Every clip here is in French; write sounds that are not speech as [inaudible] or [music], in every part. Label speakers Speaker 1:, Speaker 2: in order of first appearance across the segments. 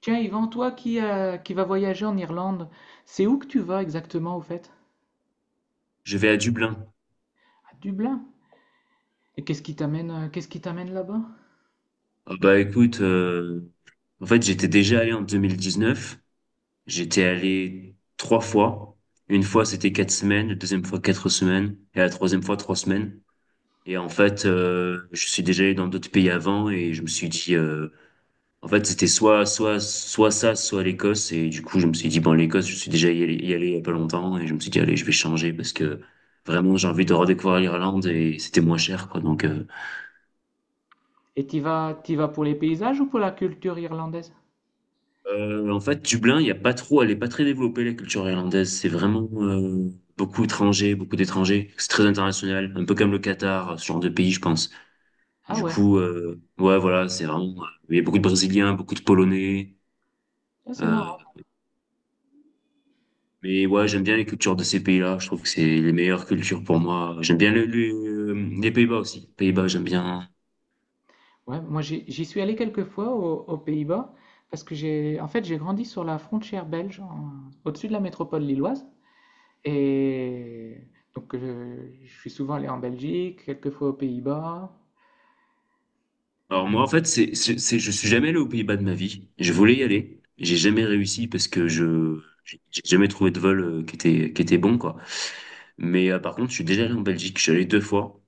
Speaker 1: Tiens, Yvan, toi qui vas voyager en Irlande, c'est où que tu vas exactement au fait?
Speaker 2: Je vais à Dublin.
Speaker 1: À Dublin. Et qu'est-ce qui t'amène là-bas?
Speaker 2: Ah bah écoute, en fait j'étais déjà allé en 2019. J'étais allé trois fois. Une fois c'était 4 semaines, la deuxième fois 4 semaines et la troisième fois 3 semaines. Et en fait je suis déjà allé dans d'autres pays avant et je me suis dit, en fait c'était soit ça, soit l'Écosse. Et du coup je me suis dit bon l'Écosse je suis déjà y allé il y a pas longtemps et je me suis dit allez je vais changer parce que vraiment j'ai envie de redécouvrir l'Irlande et c'était moins cher quoi donc.
Speaker 1: Et t'y vas pour les paysages ou pour la culture irlandaise?
Speaker 2: En fait, Dublin, il y a pas trop, elle est pas très développée, la culture irlandaise. C'est vraiment beaucoup étrangers, beaucoup d'étrangers. C'est très international, un peu comme le Qatar, ce genre de pays, je pense.
Speaker 1: Ah
Speaker 2: Du
Speaker 1: ouais,
Speaker 2: coup, ouais, voilà, c'est vraiment. Il y a beaucoup de Brésiliens, beaucoup de Polonais.
Speaker 1: ça c'est
Speaker 2: euh,
Speaker 1: marrant.
Speaker 2: mais ouais, j'aime bien les cultures de ces pays-là. Je trouve que c'est les meilleures cultures pour moi. J'aime bien les Pays-Bas aussi. Pays-Bas, j'aime bien.
Speaker 1: Ouais, moi j'y suis allé quelques fois au- aux, Pays-Bas parce que j'ai, en fait, j'ai grandi sur la frontière belge, en- au-dessus de la métropole lilloise. Et donc je suis souvent allé en Belgique, quelques fois aux Pays-Bas.
Speaker 2: Alors moi en fait je suis jamais allé aux Pays-Bas de ma vie. Je voulais y aller, j'ai jamais réussi parce que je j'ai jamais trouvé de vol qui était bon quoi. Mais par contre je suis déjà allé en Belgique. Je suis allé deux fois.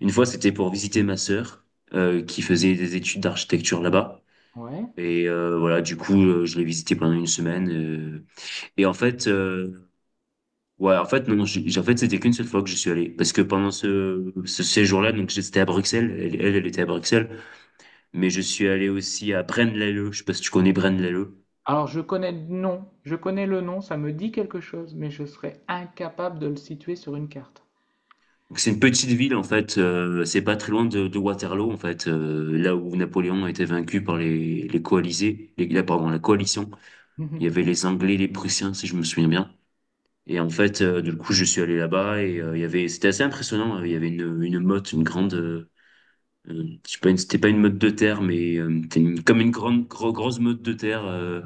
Speaker 2: Une fois c'était pour visiter ma sœur qui faisait des études d'architecture là-bas
Speaker 1: Ouais.
Speaker 2: et voilà du coup je l'ai visité pendant une semaine, euh, et en fait ouais en fait non, en fait c'était qu'une seule fois que je suis allé parce que pendant ce séjour-là donc j'étais à Bruxelles, elle était à Bruxelles mais je suis allé aussi à Braine-l'Alleud. Je sais pas si tu connais Braine-l'Alleud.
Speaker 1: Alors je connais le nom, je connais le nom, ça me dit quelque chose, mais je serais incapable de le situer sur une carte.
Speaker 2: Donc, c'est une petite ville en fait, c'est pas très loin de Waterloo en fait, là où Napoléon a été vaincu par les coalisés, pardon, la coalition.
Speaker 1: [laughs]
Speaker 2: Il
Speaker 1: Moi
Speaker 2: y avait les Anglais, les Prussiens si je me souviens bien. Et en fait, du coup, je suis allé là-bas et il y avait, c'était assez impressionnant. Il y avait une meute, une grande, je sais pas, c'était pas une meute de terre, mais c'était comme une grande, grosse meute de terre,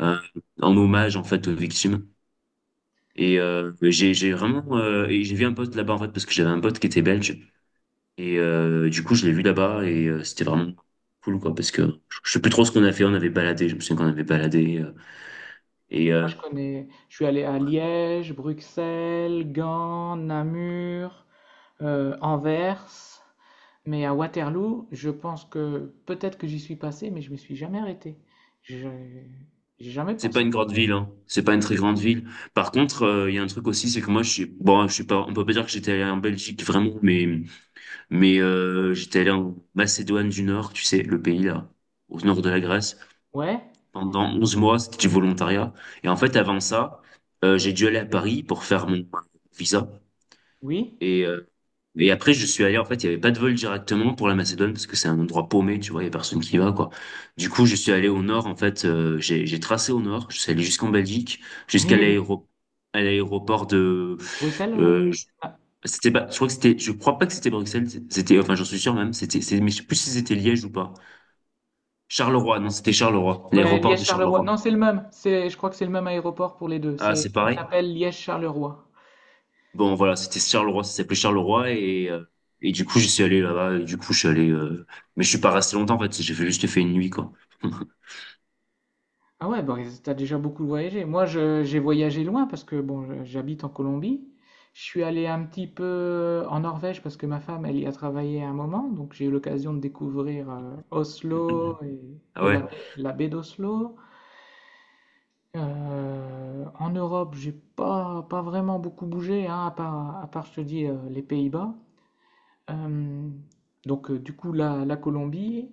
Speaker 2: euh, en hommage en fait aux victimes. Et j'ai vraiment et j'ai vu un pote là-bas en fait parce que j'avais un pote qui était belge et du coup je l'ai vu là-bas et c'était vraiment cool quoi parce que je sais plus trop ce qu'on a fait, on avait baladé, je me souviens qu'on avait baladé et euh,
Speaker 1: je connais, je suis allé à Liège, Bruxelles, Gand, Namur, Anvers, mais à Waterloo, je pense que peut-être que j'y suis passé, mais je me suis jamais arrêté. Je j'ai jamais
Speaker 2: c'est pas
Speaker 1: pensé.
Speaker 2: une grande ville, hein, c'est pas une très grande ville. Par contre, il y a un truc aussi, c'est que moi je suis bon, je suis pas, on peut pas dire que j'étais allé en Belgique vraiment mais mais j'étais allé en Macédoine du Nord, tu sais, le pays là au nord de la Grèce,
Speaker 1: Ouais,
Speaker 2: pendant 11 mois, c'était du volontariat. Et en fait, avant ça, j'ai dû aller à Paris pour faire mon visa.
Speaker 1: oui.
Speaker 2: Et, euh, et après, je suis allé, en fait, il n'y avait pas de vol directement pour la Macédoine parce que c'est un endroit paumé, tu vois, il n'y a personne qui va, quoi. Du coup, je suis allé au nord, en fait, j'ai tracé au nord, je suis allé jusqu'en Belgique, jusqu'à
Speaker 1: [laughs]
Speaker 2: l'aéro- à l'aéroport de...
Speaker 1: Bruxelles ou...
Speaker 2: euh, je- c'était pas, je crois que c'était, je crois pas que c'était Bruxelles, c'était, enfin, j'en suis sûr même, c'était, mais je sais plus si c'était Liège ou pas. Charleroi, non, c'était Charleroi,
Speaker 1: Ouais,
Speaker 2: l'aéroport de
Speaker 1: Liège-Charleroi.
Speaker 2: Charleroi.
Speaker 1: Non, c'est le même. C'est, je crois que c'est le même aéroport pour les deux.
Speaker 2: Ah, c'est
Speaker 1: C'est, il
Speaker 2: pareil?
Speaker 1: s'appelle Liège-Charleroi.
Speaker 2: Bon, voilà, c'était Charleroi, ça s'appelait Charleroi et du coup, j'y suis allé là-bas et du coup, je suis allé, mais je suis pas resté longtemps en fait, juste fait une nuit quoi. [laughs]
Speaker 1: Ah ouais, bon, t'as déjà beaucoup voyagé. Moi, je- j'ai voyagé loin parce que bon, je- j'habite en Colombie. Je suis allé un petit peu en Norvège parce que ma femme, elle y a travaillé à un moment, donc j'ai eu l'occasion de découvrir Oslo
Speaker 2: Ah
Speaker 1: et
Speaker 2: ouais,
Speaker 1: la baie d'Oslo. En Europe, j'ai pas vraiment beaucoup bougé, hein, à part, je te dis, les Pays-Bas. Euh, donc, du coup, la, la Colombie,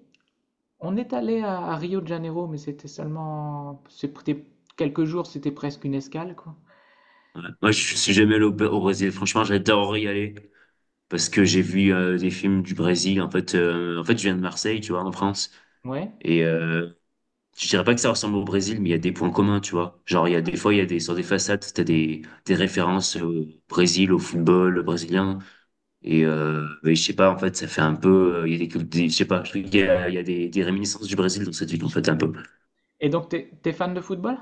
Speaker 1: on est allé à Rio de Janeiro, mais c'était seulement, c'était quelques jours, c'était presque une escale, quoi.
Speaker 2: ouais. Moi, je suis jamais allé au Brésil, franchement, j'adore y aller parce que j'ai vu des films du Brésil en fait, je viens de Marseille, tu vois, en France
Speaker 1: Ouais.
Speaker 2: et je dirais pas que ça ressemble au Brésil, mais il y a des points communs, tu vois. Genre, il y a des fois, il y a des sur des façades, t'as des références au Brésil, au football brésilien. Et je sais pas, en fait, ça fait un peu. Il y a des, je sais pas, je trouve qu'il y a des réminiscences du Brésil dans cette ville, en fait, un peu.
Speaker 1: Et donc, t'es, t'es fan de football?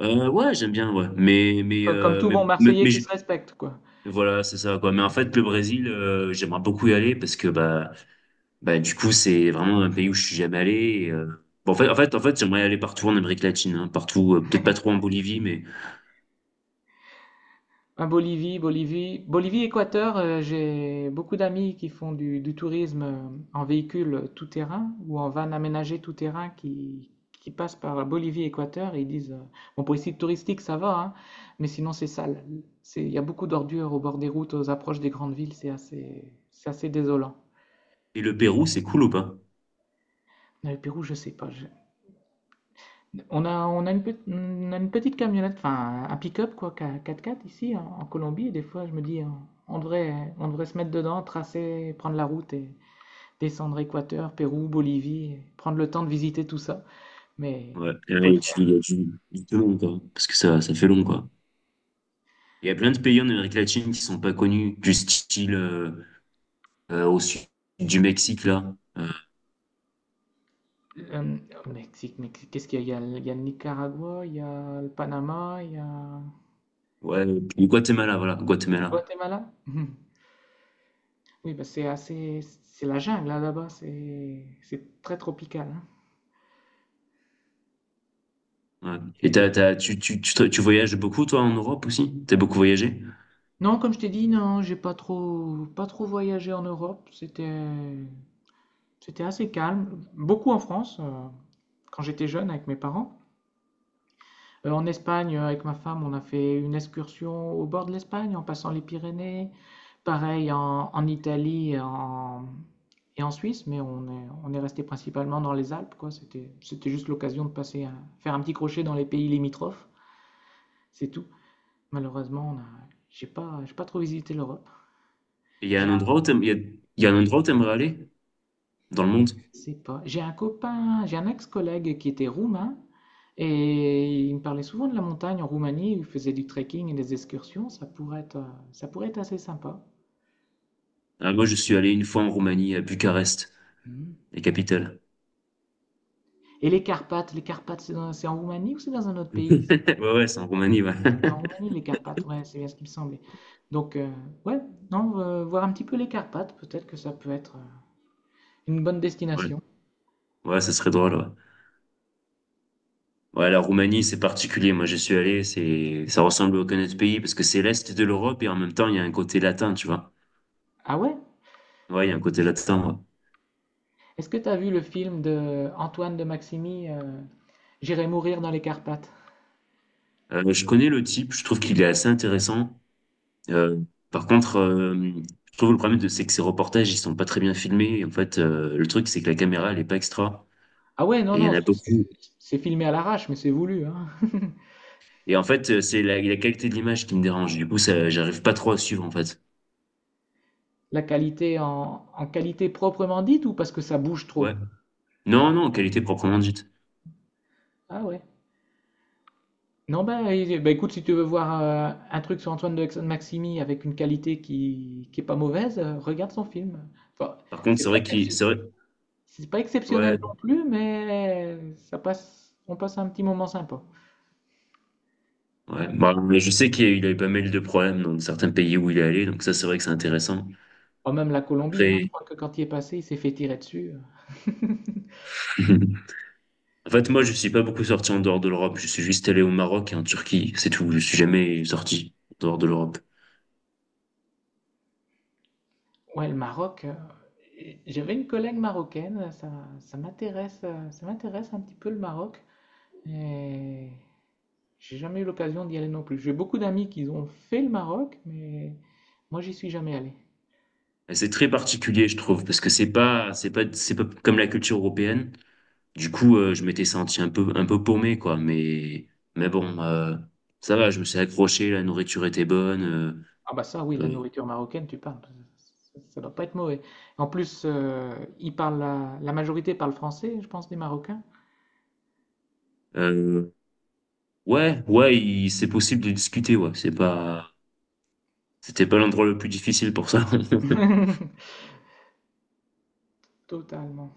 Speaker 2: Ouais, j'aime bien, ouais. Mais, mais,
Speaker 1: Co- Comme
Speaker 2: euh,
Speaker 1: tout
Speaker 2: mais,
Speaker 1: bon
Speaker 2: mais,
Speaker 1: Marseillais
Speaker 2: mais
Speaker 1: qui
Speaker 2: je-
Speaker 1: se respecte, quoi.
Speaker 2: voilà, c'est ça, quoi. Mais en fait, le Brésil, j'aimerais beaucoup y aller parce que, bah, du coup, c'est vraiment un pays où je suis jamais allé. et, euh, bon, en fait, j'aimerais aller partout en Amérique latine, hein, partout, peut-être pas trop en Bolivie, mais.
Speaker 1: Ah, Bolivie, Bolivie, Bolivie, Équateur, j'ai beaucoup d'amis qui font du tourisme en véhicule tout-terrain ou en van aménagé tout-terrain qui passent par Bolivie, Équateur et ils disent, bon pour les sites touristiques ça va, hein, mais sinon c'est sale. C'est, il y a beaucoup d'ordures au bord des routes, aux approches des grandes villes, c'est assez désolant.
Speaker 2: Et le Pérou, c'est cool ou pas?
Speaker 1: Mais Le Pérou, je sais pas, je- on a une, pe- on a une petite camionnette, enfin un pick-up quoi, qu'a- 4x4 ici en, en Colombie. Et des fois, je me dis, on devrait se mettre dedans, tracer, prendre la route et descendre Équateur, Pérou, Bolivie, et prendre le temps de visiter tout ça. Mais
Speaker 2: Ouais,
Speaker 1: il faut
Speaker 2: et
Speaker 1: le
Speaker 2: tu dis,
Speaker 1: faire.
Speaker 2: il y a du tout long, quoi. Parce que ça fait long, quoi. Il y a plein de pays en Amérique latine qui sont pas connus, du style au sud du Mexique là.
Speaker 1: Euh, Au Mexique, mais qu'est-ce qu'il y a? Il y a, le il y a le Nicaragua, il y a le Panama, il y a
Speaker 2: Ouais, du Guatemala, voilà, Guatemala.
Speaker 1: Guatemala. [laughs] Oui, bah, c'est assez, c'est la jungle là, là-bas. C'est très tropical, hein.
Speaker 2: Ouais. Et t'as, t'as, tu, te- tu voyages beaucoup toi en Europe aussi? T'as beaucoup voyagé?
Speaker 1: Non, comme je t'ai dit, non, j'ai pas trop, pas trop voyagé en Europe. C'était, c'était assez calme. Beaucoup en France, quand j'étais jeune avec mes parents. En Espagne, avec ma femme, on a fait une excursion au bord de l'Espagne, en passant les Pyrénées. Pareil en, en Italie et en Suisse, mais on est resté principalement dans les Alpes, quoi. C'était, c'était juste l'occasion de passer, un- faire un petit crochet dans les pays limitrophes. C'est tout. Malheureusement, on a, j'ai pas trop visité l'Europe.
Speaker 2: Et il y a un endroit où t'aimerais aller dans le monde?
Speaker 1: C'est pas. J'ai un copain, j'ai un ex-collègue qui était roumain et il me parlait souvent de la montagne en Roumanie où il faisait du trekking et des excursions. Ça pourrait être assez sympa.
Speaker 2: Ah, moi, je suis allé une fois en Roumanie, à Bucarest,
Speaker 1: Mhm.
Speaker 2: la capitale.
Speaker 1: Et les Carpates, c'est dans- c'est en Roumanie ou c'est dans un autre
Speaker 2: [laughs]
Speaker 1: pays? C'est
Speaker 2: Ouais, ouais, c'est en Roumanie, ouais.
Speaker 1: En Roumanie,
Speaker 2: [laughs]
Speaker 1: les Carpates, ouais, c'est bien ce qui me semblait. Donc, ouais, non, voir un petit peu les Carpates, peut-être que ça peut être une bonne
Speaker 2: Ouais,
Speaker 1: destination.
Speaker 2: ouais, ça serait drôle, ouais. Ouais, la Roumanie, c'est particulier. Moi, je suis allé, c'est, ça ressemble à aucun autre pays parce que c'est l'Est de l'Europe et en même temps, il y a un côté latin, tu vois.
Speaker 1: Ah ouais?
Speaker 2: Ouais, il y a un côté latin. Ouais.
Speaker 1: Est-ce que tu as vu le film de Antoine de Maximi, J'irai mourir dans les Carpates?
Speaker 2: Je connais le type, je trouve qu'il est assez intéressant. Euh, Par contre, je trouve le problème, c'est que ses reportages, ils sont pas très bien filmés. En fait, le truc, c'est que la caméra, elle est pas extra.
Speaker 1: Ah ouais, non,
Speaker 2: Et il y en
Speaker 1: non,
Speaker 2: a beaucoup.
Speaker 1: c'est filmé à l'arrache, mais c'est voulu, hein. [laughs]
Speaker 2: Et en fait, c'est la qualité de l'image qui me dérange. Du coup, ça, j'arrive pas trop à suivre, en fait.
Speaker 1: La qualité en, en qualité proprement dite ou parce que ça bouge
Speaker 2: Ouais.
Speaker 1: trop?
Speaker 2: Non, non, qualité proprement dite.
Speaker 1: Ah ouais. Non, ben, eh, ben, écoute, si tu veux voir un truc sur Antoine de Maximi avec une qualité qui est pas mauvaise, regarde son film. Enfin,
Speaker 2: Par contre,
Speaker 1: c'est
Speaker 2: c'est
Speaker 1: pas
Speaker 2: vrai qu'il,
Speaker 1: excep-
Speaker 2: c'est vrai,
Speaker 1: c'est pas exceptionnel
Speaker 2: ouais.
Speaker 1: non plus, mais ça passe, on passe un petit moment sympa.
Speaker 2: Ouais. Bah, mais je sais qu'il a eu pas mal de problèmes dans certains pays où il est allé, donc ça, c'est vrai que c'est intéressant.
Speaker 1: Enfin, même la Colombie, hein, je
Speaker 2: Après,
Speaker 1: crois que quand il est passé, il s'est fait tirer dessus, [laughs]
Speaker 2: [laughs] en fait moi je suis pas beaucoup sorti en dehors de l'Europe, je suis juste allé au Maroc et en Turquie, c'est tout. Je suis jamais sorti en dehors de l'Europe.
Speaker 1: Ouais, le Maroc, et j'avais une collègue marocaine, ça, ça m'intéresse un petit peu le Maroc, et j'ai jamais eu l'occasion d'y aller non plus. J'ai beaucoup d'amis qui ont fait le Maroc, mais moi j'y suis jamais allé.
Speaker 2: Et c'est très particulier je trouve parce que c'est pas comme la culture européenne. Du coup je m'étais senti un peu paumé quoi, mais bon, ça va, je me suis accroché, la nourriture était bonne.
Speaker 1: Ah bah ça oui, la
Speaker 2: Euh,
Speaker 1: nourriture marocaine, tu parles, ça doit pas être mauvais. En plus, ils parlent la, la majorité parle français, je pense, des Marocains.
Speaker 2: euh, ouais ouais, c'est possible de discuter, ouais, C'était pas l'endroit le plus difficile pour ça. [laughs]
Speaker 1: [laughs] Totalement.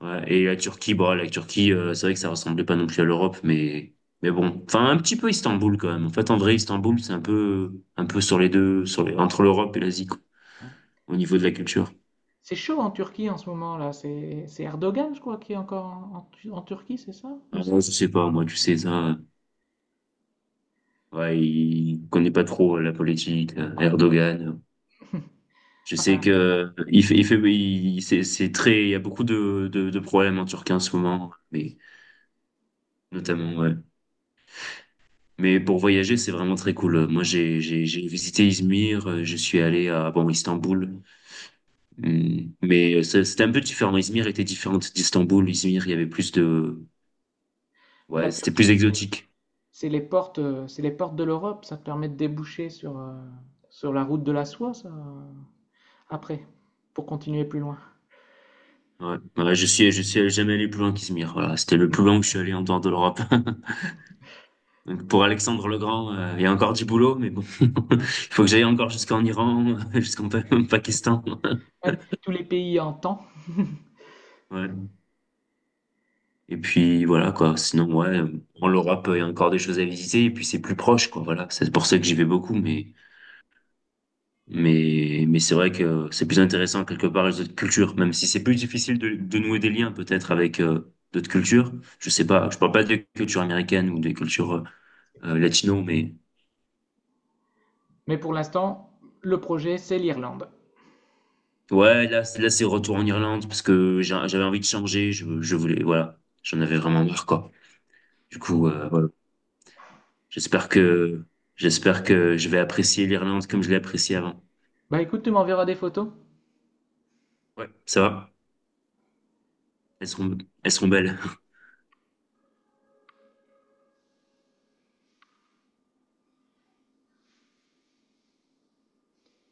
Speaker 2: Ouais, et la Turquie, bon, la Turquie, c'est vrai que ça ressemblait pas non plus à l'Europe, mais bon, enfin un petit peu Istanbul quand même. En fait, en vrai, Istanbul, c'est un peu sur les deux, sur les entre l'Europe et l'Asie quoi,
Speaker 1: Ouais.
Speaker 2: au niveau de la culture.
Speaker 1: C'est chaud en Turquie en ce moment là. C'est Erdogan, je crois, qui est encore en, en Tu- en Turquie, c'est ça?
Speaker 2: Ah,
Speaker 1: Ou c'est...
Speaker 2: moi, je sais pas, moi, tu sais ça. Ouais, il connaît pas trop la politique, Erdogan. Je sais
Speaker 1: Enfin,
Speaker 2: que c'est très, il y a beaucoup de problèmes en Turquie en ce moment, mais notamment ouais. Mais pour voyager, c'est vraiment très cool. Moi, j'ai visité Izmir, je suis allé à bon Istanbul, hum, mais c'était un peu différent. Izmir était différente d'Istanbul. Izmir, il y avait plus de ouais,
Speaker 1: la
Speaker 2: c'était plus
Speaker 1: Turquie,
Speaker 2: exotique.
Speaker 1: c'est les portes de l'Europe. Ça te permet de déboucher sur, sur la route de la soie, ça, après, pour continuer plus loin.
Speaker 2: Ouais, ouais, je suis jamais allé plus loin qu'Izmir. Voilà, c'était le plus loin que je suis allé en dehors de l'Europe. [laughs] Donc pour Alexandre le Grand, il y a encore du boulot, mais bon, [laughs] il faut que j'aille encore jusqu'en Iran, [laughs] Pakistan. [laughs]
Speaker 1: Ouais, tous les pays en temps.
Speaker 2: Ouais. Et puis voilà quoi, sinon ouais, en l'Europe, il y a encore des choses à visiter et puis c'est plus proche quoi, voilà. C'est pour ça que j'y vais beaucoup mais mais c'est vrai que c'est plus intéressant quelque part les autres cultures même si c'est plus difficile de nouer des liens peut-être avec d'autres cultures. Je sais pas, je parle pas des cultures américaines ou des cultures latino mais
Speaker 1: Mais pour l'instant, le projet, c'est l'Irlande.
Speaker 2: ouais, là c'est retour en Irlande parce que j'avais envie de changer, je voulais voilà, j'en avais vraiment marre quoi. Du coup voilà. J'espère que j'espère que je vais apprécier l'Irlande comme je l'ai appréciée avant.
Speaker 1: Bah écoute, tu m'enverras des photos.
Speaker 2: Ouais, ça va. Elles sont, elles sont belles.